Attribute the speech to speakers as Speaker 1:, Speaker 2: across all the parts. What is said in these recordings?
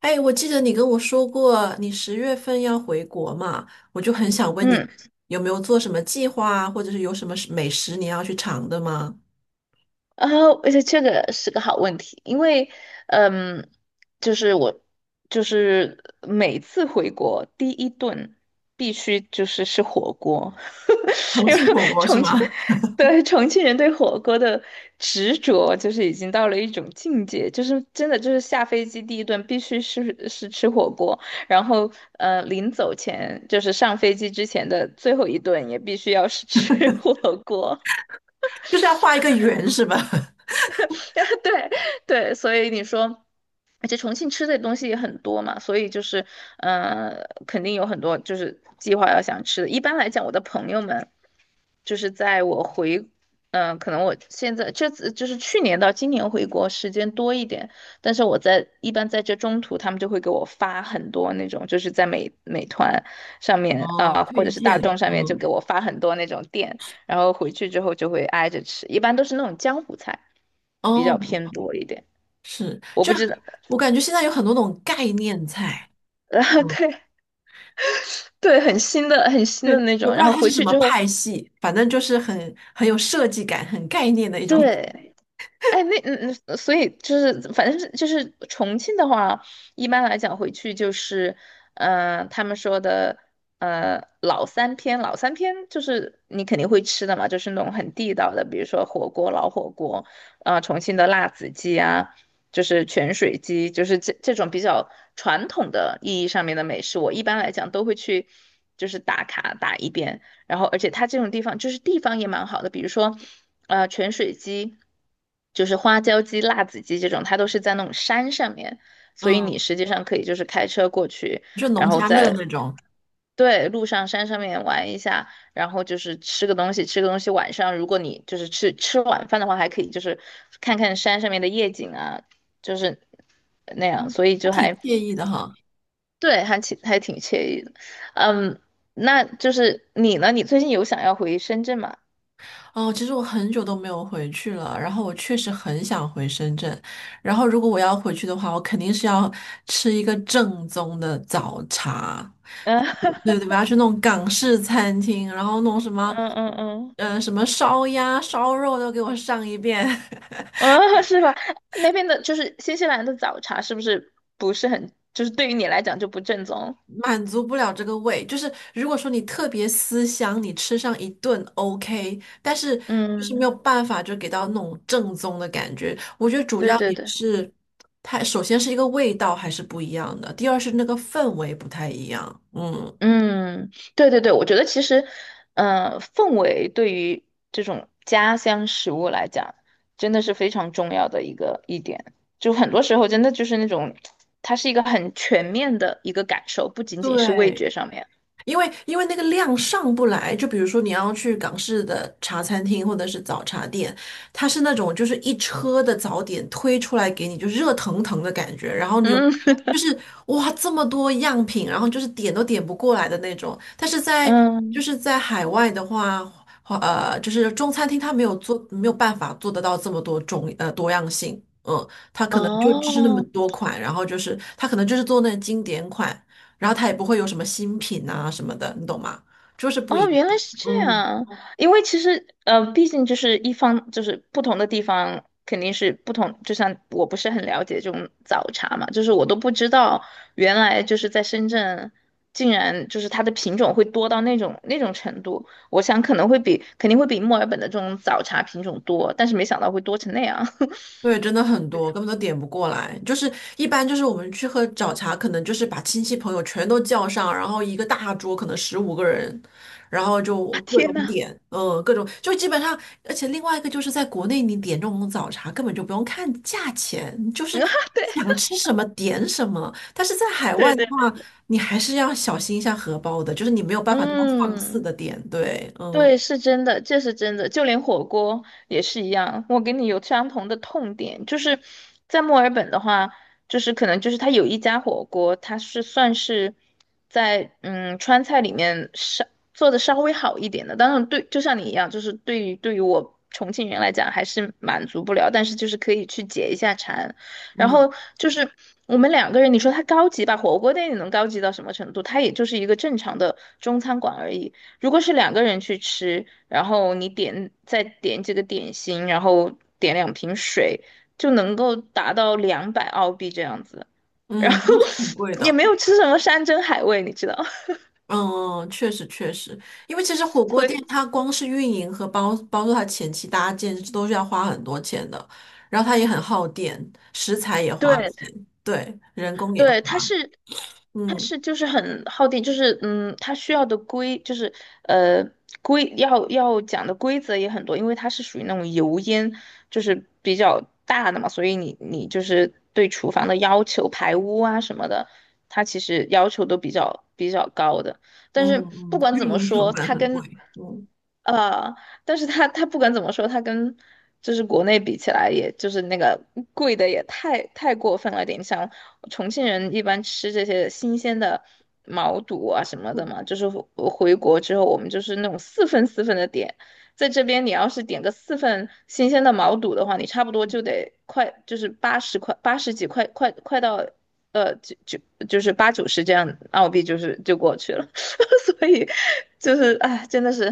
Speaker 1: 哎，我记得你跟我说过你十月份要回国嘛，我就很想问你
Speaker 2: 嗯，
Speaker 1: 有没有做什么计划啊，或者是有什么美食你要去尝的吗？
Speaker 2: 然后而且这个是个好问题，因为，嗯，就是我，就是每次回国第一顿必须就是吃火锅，
Speaker 1: 重
Speaker 2: 因为
Speaker 1: 庆火锅是
Speaker 2: 重庆，
Speaker 1: 吗？
Speaker 2: 对重庆人对火锅的执着就是已经到了一种境界，就是真的就是下飞机第一顿必须是吃火锅，然后临走前就是上飞机之前的最后一顿也必须要是吃 火锅。
Speaker 1: 就是要画一个圆是吧？
Speaker 2: 对对，所以你说，而且重庆吃的东西也很多嘛，所以就是，肯定有很多就是计划要想吃的。一般来讲，我的朋友们就是在我回，可能我现在这次就是去年到今年回国时间多一点，但是我在一般在这中途，他们就会给我发很多那种，就是在美团上面啊、
Speaker 1: 哦，
Speaker 2: 或
Speaker 1: 推
Speaker 2: 者是大
Speaker 1: 荐，
Speaker 2: 众上面就
Speaker 1: 嗯，
Speaker 2: 给我发很多那种店。然后回去之后就会挨着吃，一般都是那种江湖菜，比较
Speaker 1: 哦，
Speaker 2: 偏多一点。
Speaker 1: 是，
Speaker 2: 我
Speaker 1: 就
Speaker 2: 不知道。
Speaker 1: 我感觉现在有很多那种概念菜，
Speaker 2: 然后
Speaker 1: 嗯，
Speaker 2: 对对，很新的很新
Speaker 1: 对，
Speaker 2: 的那
Speaker 1: 也
Speaker 2: 种。
Speaker 1: 不知
Speaker 2: 然
Speaker 1: 道
Speaker 2: 后
Speaker 1: 它是
Speaker 2: 回
Speaker 1: 什
Speaker 2: 去
Speaker 1: 么
Speaker 2: 之后，
Speaker 1: 派系，反正就是很有设计感、很概念的一种，
Speaker 2: 对，哎，那所以就是，反正就是重庆的话，一般来讲回去就是，他们说的，老三篇，老三篇就是你肯定会吃的嘛，就是那种很地道的，比如说火锅、老火锅，啊、重庆的辣子鸡啊，就是泉水鸡，就是这种比较传统的意义上面的美食，我一般来讲都会去，就是打卡打一遍。然后而且它这种地方就是地方也蛮好的，比如说泉水鸡，就是花椒鸡、辣子鸡这种，它都是在那种山上面，所以你
Speaker 1: 嗯，
Speaker 2: 实际上可以就是开车过去，
Speaker 1: 就农
Speaker 2: 然后
Speaker 1: 家乐
Speaker 2: 在，
Speaker 1: 那种，
Speaker 2: 对，路上山上面玩一下，然后就是吃个东西，吃个东西晚上如果你就是吃晚饭的话，还可以就是看看山上面的夜景啊，就是那样，
Speaker 1: 嗯，
Speaker 2: 所以
Speaker 1: 还
Speaker 2: 就
Speaker 1: 挺
Speaker 2: 还，
Speaker 1: 惬意的哈。
Speaker 2: 对，还挺惬意的。嗯。那就是你呢？你最近有想要回深圳吗？
Speaker 1: 哦，其实我很久都没有回去了，然后我确实很想回深圳，然后如果我要回去的话，我肯定是要吃一个正宗的早茶，
Speaker 2: 嗯。
Speaker 1: 嗯对 对，我要去那种港式餐厅，然后弄什么，
Speaker 2: 嗯嗯嗯
Speaker 1: 什么烧鸭、烧肉都给我上一遍。
Speaker 2: 嗯。是吧？那边的就是新西兰的早茶，是不是不是很，就是对于你来讲就不正宗？
Speaker 1: 满足不了这个味，就是如果说你特别思乡，你吃上一顿 OK,但是就是没有
Speaker 2: 嗯，
Speaker 1: 办法就给到那种正宗的感觉。我觉得主
Speaker 2: 对
Speaker 1: 要
Speaker 2: 对
Speaker 1: 也
Speaker 2: 对，
Speaker 1: 是它首先是一个味道还是不一样的，第二是那个氛围不太一样。嗯，
Speaker 2: 嗯，对对对，我觉得其实，氛围对于这种家乡食物来讲，真的是非常重要的一个一点。就很多时候真的就是那种，它是一个很全面的一个感受，不仅仅是味
Speaker 1: 对。
Speaker 2: 觉上面。
Speaker 1: 因为那个量上不来，就比如说你要去港式的茶餐厅或者是早茶店，它是那种就是一车的早点推出来给你，就热腾腾的感觉，然后你有
Speaker 2: 嗯。
Speaker 1: 就是哇这么多样品，然后就是点都点不过来的那种。但是 在就
Speaker 2: 嗯。
Speaker 1: 是在海外的话，就是中餐厅它没有办法做得到这么多种多样性，嗯，它可能就只是那么
Speaker 2: 哦。
Speaker 1: 多款，然后就是它可能就是做那经典款。然后它也不会有什么新品啊什么的，你懂吗？就是不一
Speaker 2: 哦，原来
Speaker 1: 样。
Speaker 2: 是这
Speaker 1: 嗯，
Speaker 2: 样，因为其实，毕竟就是一方就是不同的地方肯定是不同，就像我不是很了解这种早茶嘛，就是我都不知道原来就是在深圳，竟然就是它的品种会多到那种程度，我想可能肯定会比墨尔本的这种早茶品种多，但是没想到会多成那样。
Speaker 1: 对，真的很多，根本都点不过来。就是一般就是我们去喝早茶，可能就是把亲戚朋友全都叫上，然后一个大桌可能15个人，然后就
Speaker 2: 啊，
Speaker 1: 各种
Speaker 2: 天呐。
Speaker 1: 点，嗯，各种就基本上，而且另外一个就是在国内你点这种早茶根本就不用看价钱，你就是
Speaker 2: 啊，
Speaker 1: 想吃什么点什么。但是在海
Speaker 2: 对
Speaker 1: 外的
Speaker 2: 对对。
Speaker 1: 话，你还是要小心一下荷包的，就是你没有办法那么放肆
Speaker 2: 嗯。
Speaker 1: 的点，对，嗯。
Speaker 2: 对，是真的，这是真的，就连火锅也是一样。我跟你有相同的痛点，就是在墨尔本的话，就是可能就是它有一家火锅，它是算是在川菜里面做的稍微好一点的。当然对，就像你一样，就是对于我重庆人来讲还是满足不了，但是就是可以去解一下馋。然
Speaker 1: 嗯
Speaker 2: 后就是我们两个人，你说它高级吧，火锅店你能高级到什么程度？它也就是一个正常的中餐馆而已。如果是两个人去吃，然后你再点几个点心，然后点两瓶水，就能够达到200澳币这样子。然后
Speaker 1: 嗯，都是挺贵
Speaker 2: 也
Speaker 1: 的。
Speaker 2: 没有吃什么山珍海味，你知道，
Speaker 1: 嗯，确实确实，因为其实火 锅
Speaker 2: 所以
Speaker 1: 店它光是运营和包括它前期搭建都是要花很多钱的，然后它也很耗电，食材也花
Speaker 2: 对，
Speaker 1: 钱，对，人工也花，
Speaker 2: 对，它是，它
Speaker 1: 嗯
Speaker 2: 是就是很耗电，就是它需要的规就是呃规要要讲的规则也很多，因为它是属于那种油烟就是比较大的嘛，所以你就是对厨房的要求、排污啊什么的，它其实要求都比较高的。但
Speaker 1: 嗯
Speaker 2: 是不
Speaker 1: 嗯，
Speaker 2: 管怎
Speaker 1: 运
Speaker 2: 么
Speaker 1: 营成
Speaker 2: 说，
Speaker 1: 本
Speaker 2: 它
Speaker 1: 很
Speaker 2: 跟
Speaker 1: 贵，嗯，
Speaker 2: 呃，但是他不管怎么说，他跟就是国内比起来，也就是那个贵的也太过分了点。像重庆人一般吃这些新鲜的毛肚啊什么的嘛，就是回国之后，我们就是那种四份四份的点。在这边，你要是点个四份新鲜的毛肚的话，你差不多就得快，就是80块、80几块，快到呃，就就就是八九十这样澳币，就是就过去了。所以就是哎，真的是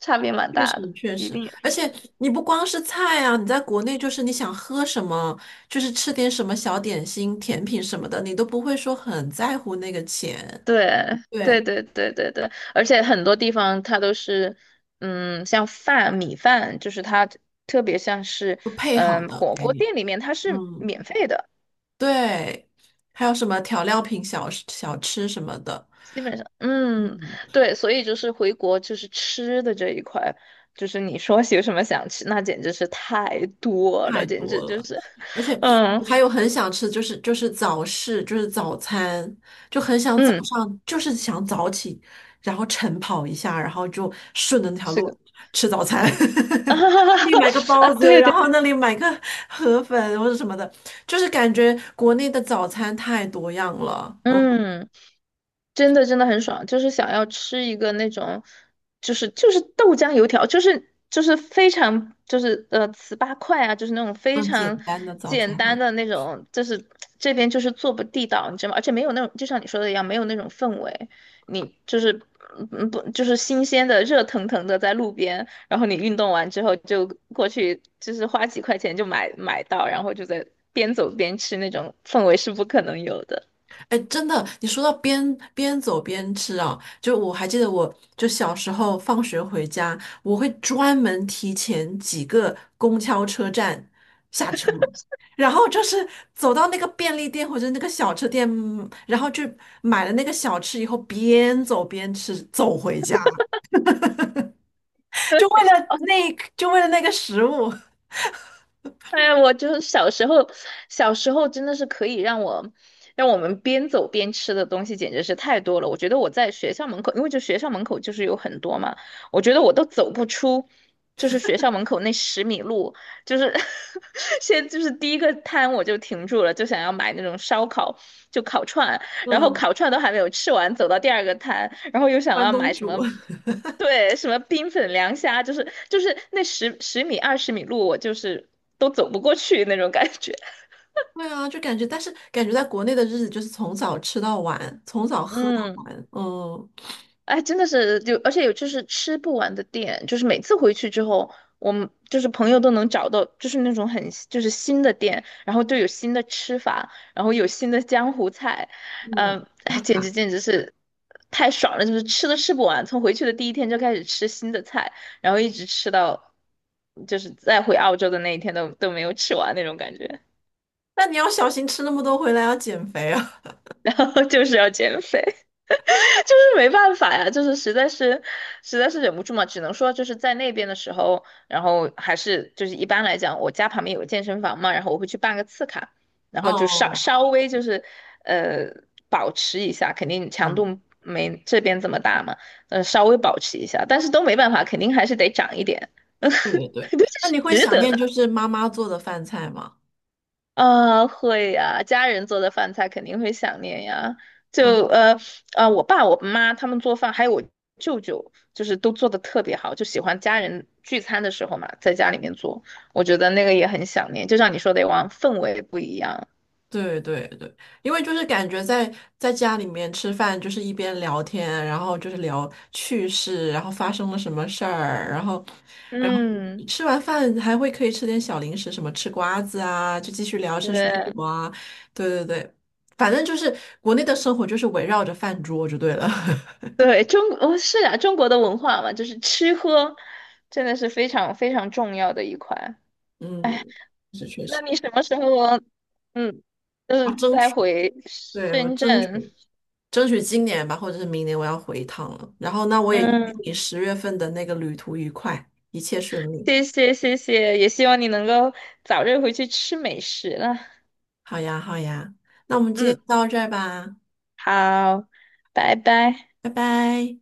Speaker 2: 差别蛮
Speaker 1: 确
Speaker 2: 大的，
Speaker 1: 实确
Speaker 2: 一
Speaker 1: 实，
Speaker 2: 定也
Speaker 1: 而
Speaker 2: 是。
Speaker 1: 且你不光是菜啊，你在国内就是你想喝什么，就是吃点什么小点心、甜品什么的，你都不会说很在乎那个钱，
Speaker 2: 对对
Speaker 1: 对，
Speaker 2: 对对对对，而且很多地方它都是，像米饭，就是它特别像是，
Speaker 1: 就配好的
Speaker 2: 火
Speaker 1: 给
Speaker 2: 锅
Speaker 1: 你。
Speaker 2: 店里面它是
Speaker 1: 嗯，
Speaker 2: 免费的，
Speaker 1: 对，还有什么调料品小吃什么的，
Speaker 2: 基本上，嗯，
Speaker 1: 嗯，
Speaker 2: 对，所以就是回国就是吃的这一块，就是你说有什么想吃，那简直是太多了，
Speaker 1: 太
Speaker 2: 简
Speaker 1: 多
Speaker 2: 直就
Speaker 1: 了。
Speaker 2: 是。
Speaker 1: 而且
Speaker 2: 嗯。
Speaker 1: 我还有很想吃，就是就是早市，就是早餐，就很想早
Speaker 2: 嗯。
Speaker 1: 上，就是想早起，然后晨跑一下，然后就顺着那条
Speaker 2: 是个，
Speaker 1: 路吃早餐。这里买个
Speaker 2: 啊，
Speaker 1: 包子，
Speaker 2: 对
Speaker 1: 然
Speaker 2: 对。
Speaker 1: 后那里买个河粉或者什么的，就是感觉国内的早餐太多样了，嗯，
Speaker 2: 嗯。真的真的很爽，就是想要吃一个那种，就是豆浆油条，就是非常就是糍粑块啊，就是那种非
Speaker 1: 更简
Speaker 2: 常
Speaker 1: 单的早餐。
Speaker 2: 简单的那种，就是这边就是做不地道，你知道吗？而且没有那种，就像你说的一样，没有那种氛围，你就是不就是新鲜的热腾腾的在路边，然后你运动完之后就过去，就是花几块钱就买到，然后就在边走边吃那种氛围是不可能有的。
Speaker 1: 哎，真的，你说到边走边吃啊，就我还记得我，就小时候放学回家，我会专门提前几个公交车站下车，然后就是走到那个便利店或者那个小吃店，嗯然后去买了那个小吃以后，边走边吃，走回家，就为了那一，就为了那个食物，
Speaker 2: 哎呀，我就是小时候真的是可以让我们边走边吃的东西简直是太多了。我觉得我在学校门口，因为就学校门口就是有很多嘛，我觉得我都走不出，就是学校门口那十米路，就是 先就是第一个摊我就停住了，就想要买那种烧烤，就烤串，然后
Speaker 1: 嗯，
Speaker 2: 烤串都还没有吃完，走到第二个摊，然后又想
Speaker 1: 关
Speaker 2: 要买
Speaker 1: 东
Speaker 2: 什
Speaker 1: 煮。
Speaker 2: 么。对，什么冰粉凉虾，就是那十米20米路，我就是都走不过去那种感觉。
Speaker 1: 对啊，就感觉，但是感觉在国内的日子就是从早吃到晚，从早 喝到
Speaker 2: 嗯。
Speaker 1: 晚，嗯。
Speaker 2: 哎，真的是就，而且有就是吃不完的店，就是每次回去之后，我们就是朋友都能找到，就是那种很就是新的店，然后就有新的吃法，然后有新的江湖菜，
Speaker 1: 嗯，
Speaker 2: 嗯，哎，
Speaker 1: 打
Speaker 2: 简直
Speaker 1: 卡。
Speaker 2: 简直是太爽了，就是吃都吃不完，从回去的第一天就开始吃新的菜，然后一直吃到就是再回澳洲的那一天都没有吃完那种感觉。
Speaker 1: 那你要小心吃那么多回来，要减肥啊。
Speaker 2: 然后就是要减肥。就是没办法呀，就是实在是忍不住嘛，只能说就是在那边的时候，然后还是就是一般来讲，我家旁边有个健身房嘛，然后我会去办个次卡，然 后就稍
Speaker 1: 哦，
Speaker 2: 稍微就是呃保持一下，肯定强
Speaker 1: 嗯，
Speaker 2: 度没这边这么大嘛，稍微保持一下，但是都没办法，肯定还是得长一点。对，
Speaker 1: 对对对，
Speaker 2: 这
Speaker 1: 那
Speaker 2: 是
Speaker 1: 你会
Speaker 2: 值
Speaker 1: 想
Speaker 2: 得
Speaker 1: 念
Speaker 2: 的。
Speaker 1: 就是妈妈做的饭菜吗？
Speaker 2: 啊，会呀，家人做的饭菜肯定会想念呀。
Speaker 1: 嗯，
Speaker 2: 就呃我爸、我妈他们做饭，还有我舅舅，就是都做的特别好，就喜欢家人聚餐的时候嘛，在家里面做，我觉得那个也很想念。就像你说的往氛围不一样。
Speaker 1: 对对对，因为就是感觉在家里面吃饭，就是一边聊天，然后就是聊趣事，然后发生了什么事儿，然后
Speaker 2: 嗯，
Speaker 1: 吃完饭还会可以吃点小零食，什么吃瓜子啊，就继续聊吃水
Speaker 2: 对
Speaker 1: 果啊。对对对，反正就是国内的生活就是围绕着饭桌就对了。
Speaker 2: 对，哦是啊，中国的文化嘛，就是吃喝真的是非常非常重要的一块。哎，
Speaker 1: 嗯，是确
Speaker 2: 那
Speaker 1: 实，
Speaker 2: 你什么时候嗯，就
Speaker 1: 啊，
Speaker 2: 是
Speaker 1: 争
Speaker 2: 再
Speaker 1: 取，
Speaker 2: 回
Speaker 1: 对，我
Speaker 2: 深
Speaker 1: 争
Speaker 2: 圳？
Speaker 1: 取争取今年吧，或者是明年我要回一趟了。然后那我也预祝
Speaker 2: 嗯。
Speaker 1: 你十月份的那个旅途愉快，一切顺利。
Speaker 2: 谢谢谢谢，也希望你能够早日回去吃美食了。
Speaker 1: 好呀，好呀，那我们今天就
Speaker 2: 嗯，
Speaker 1: 到这儿吧，
Speaker 2: 好，拜拜。
Speaker 1: 拜拜。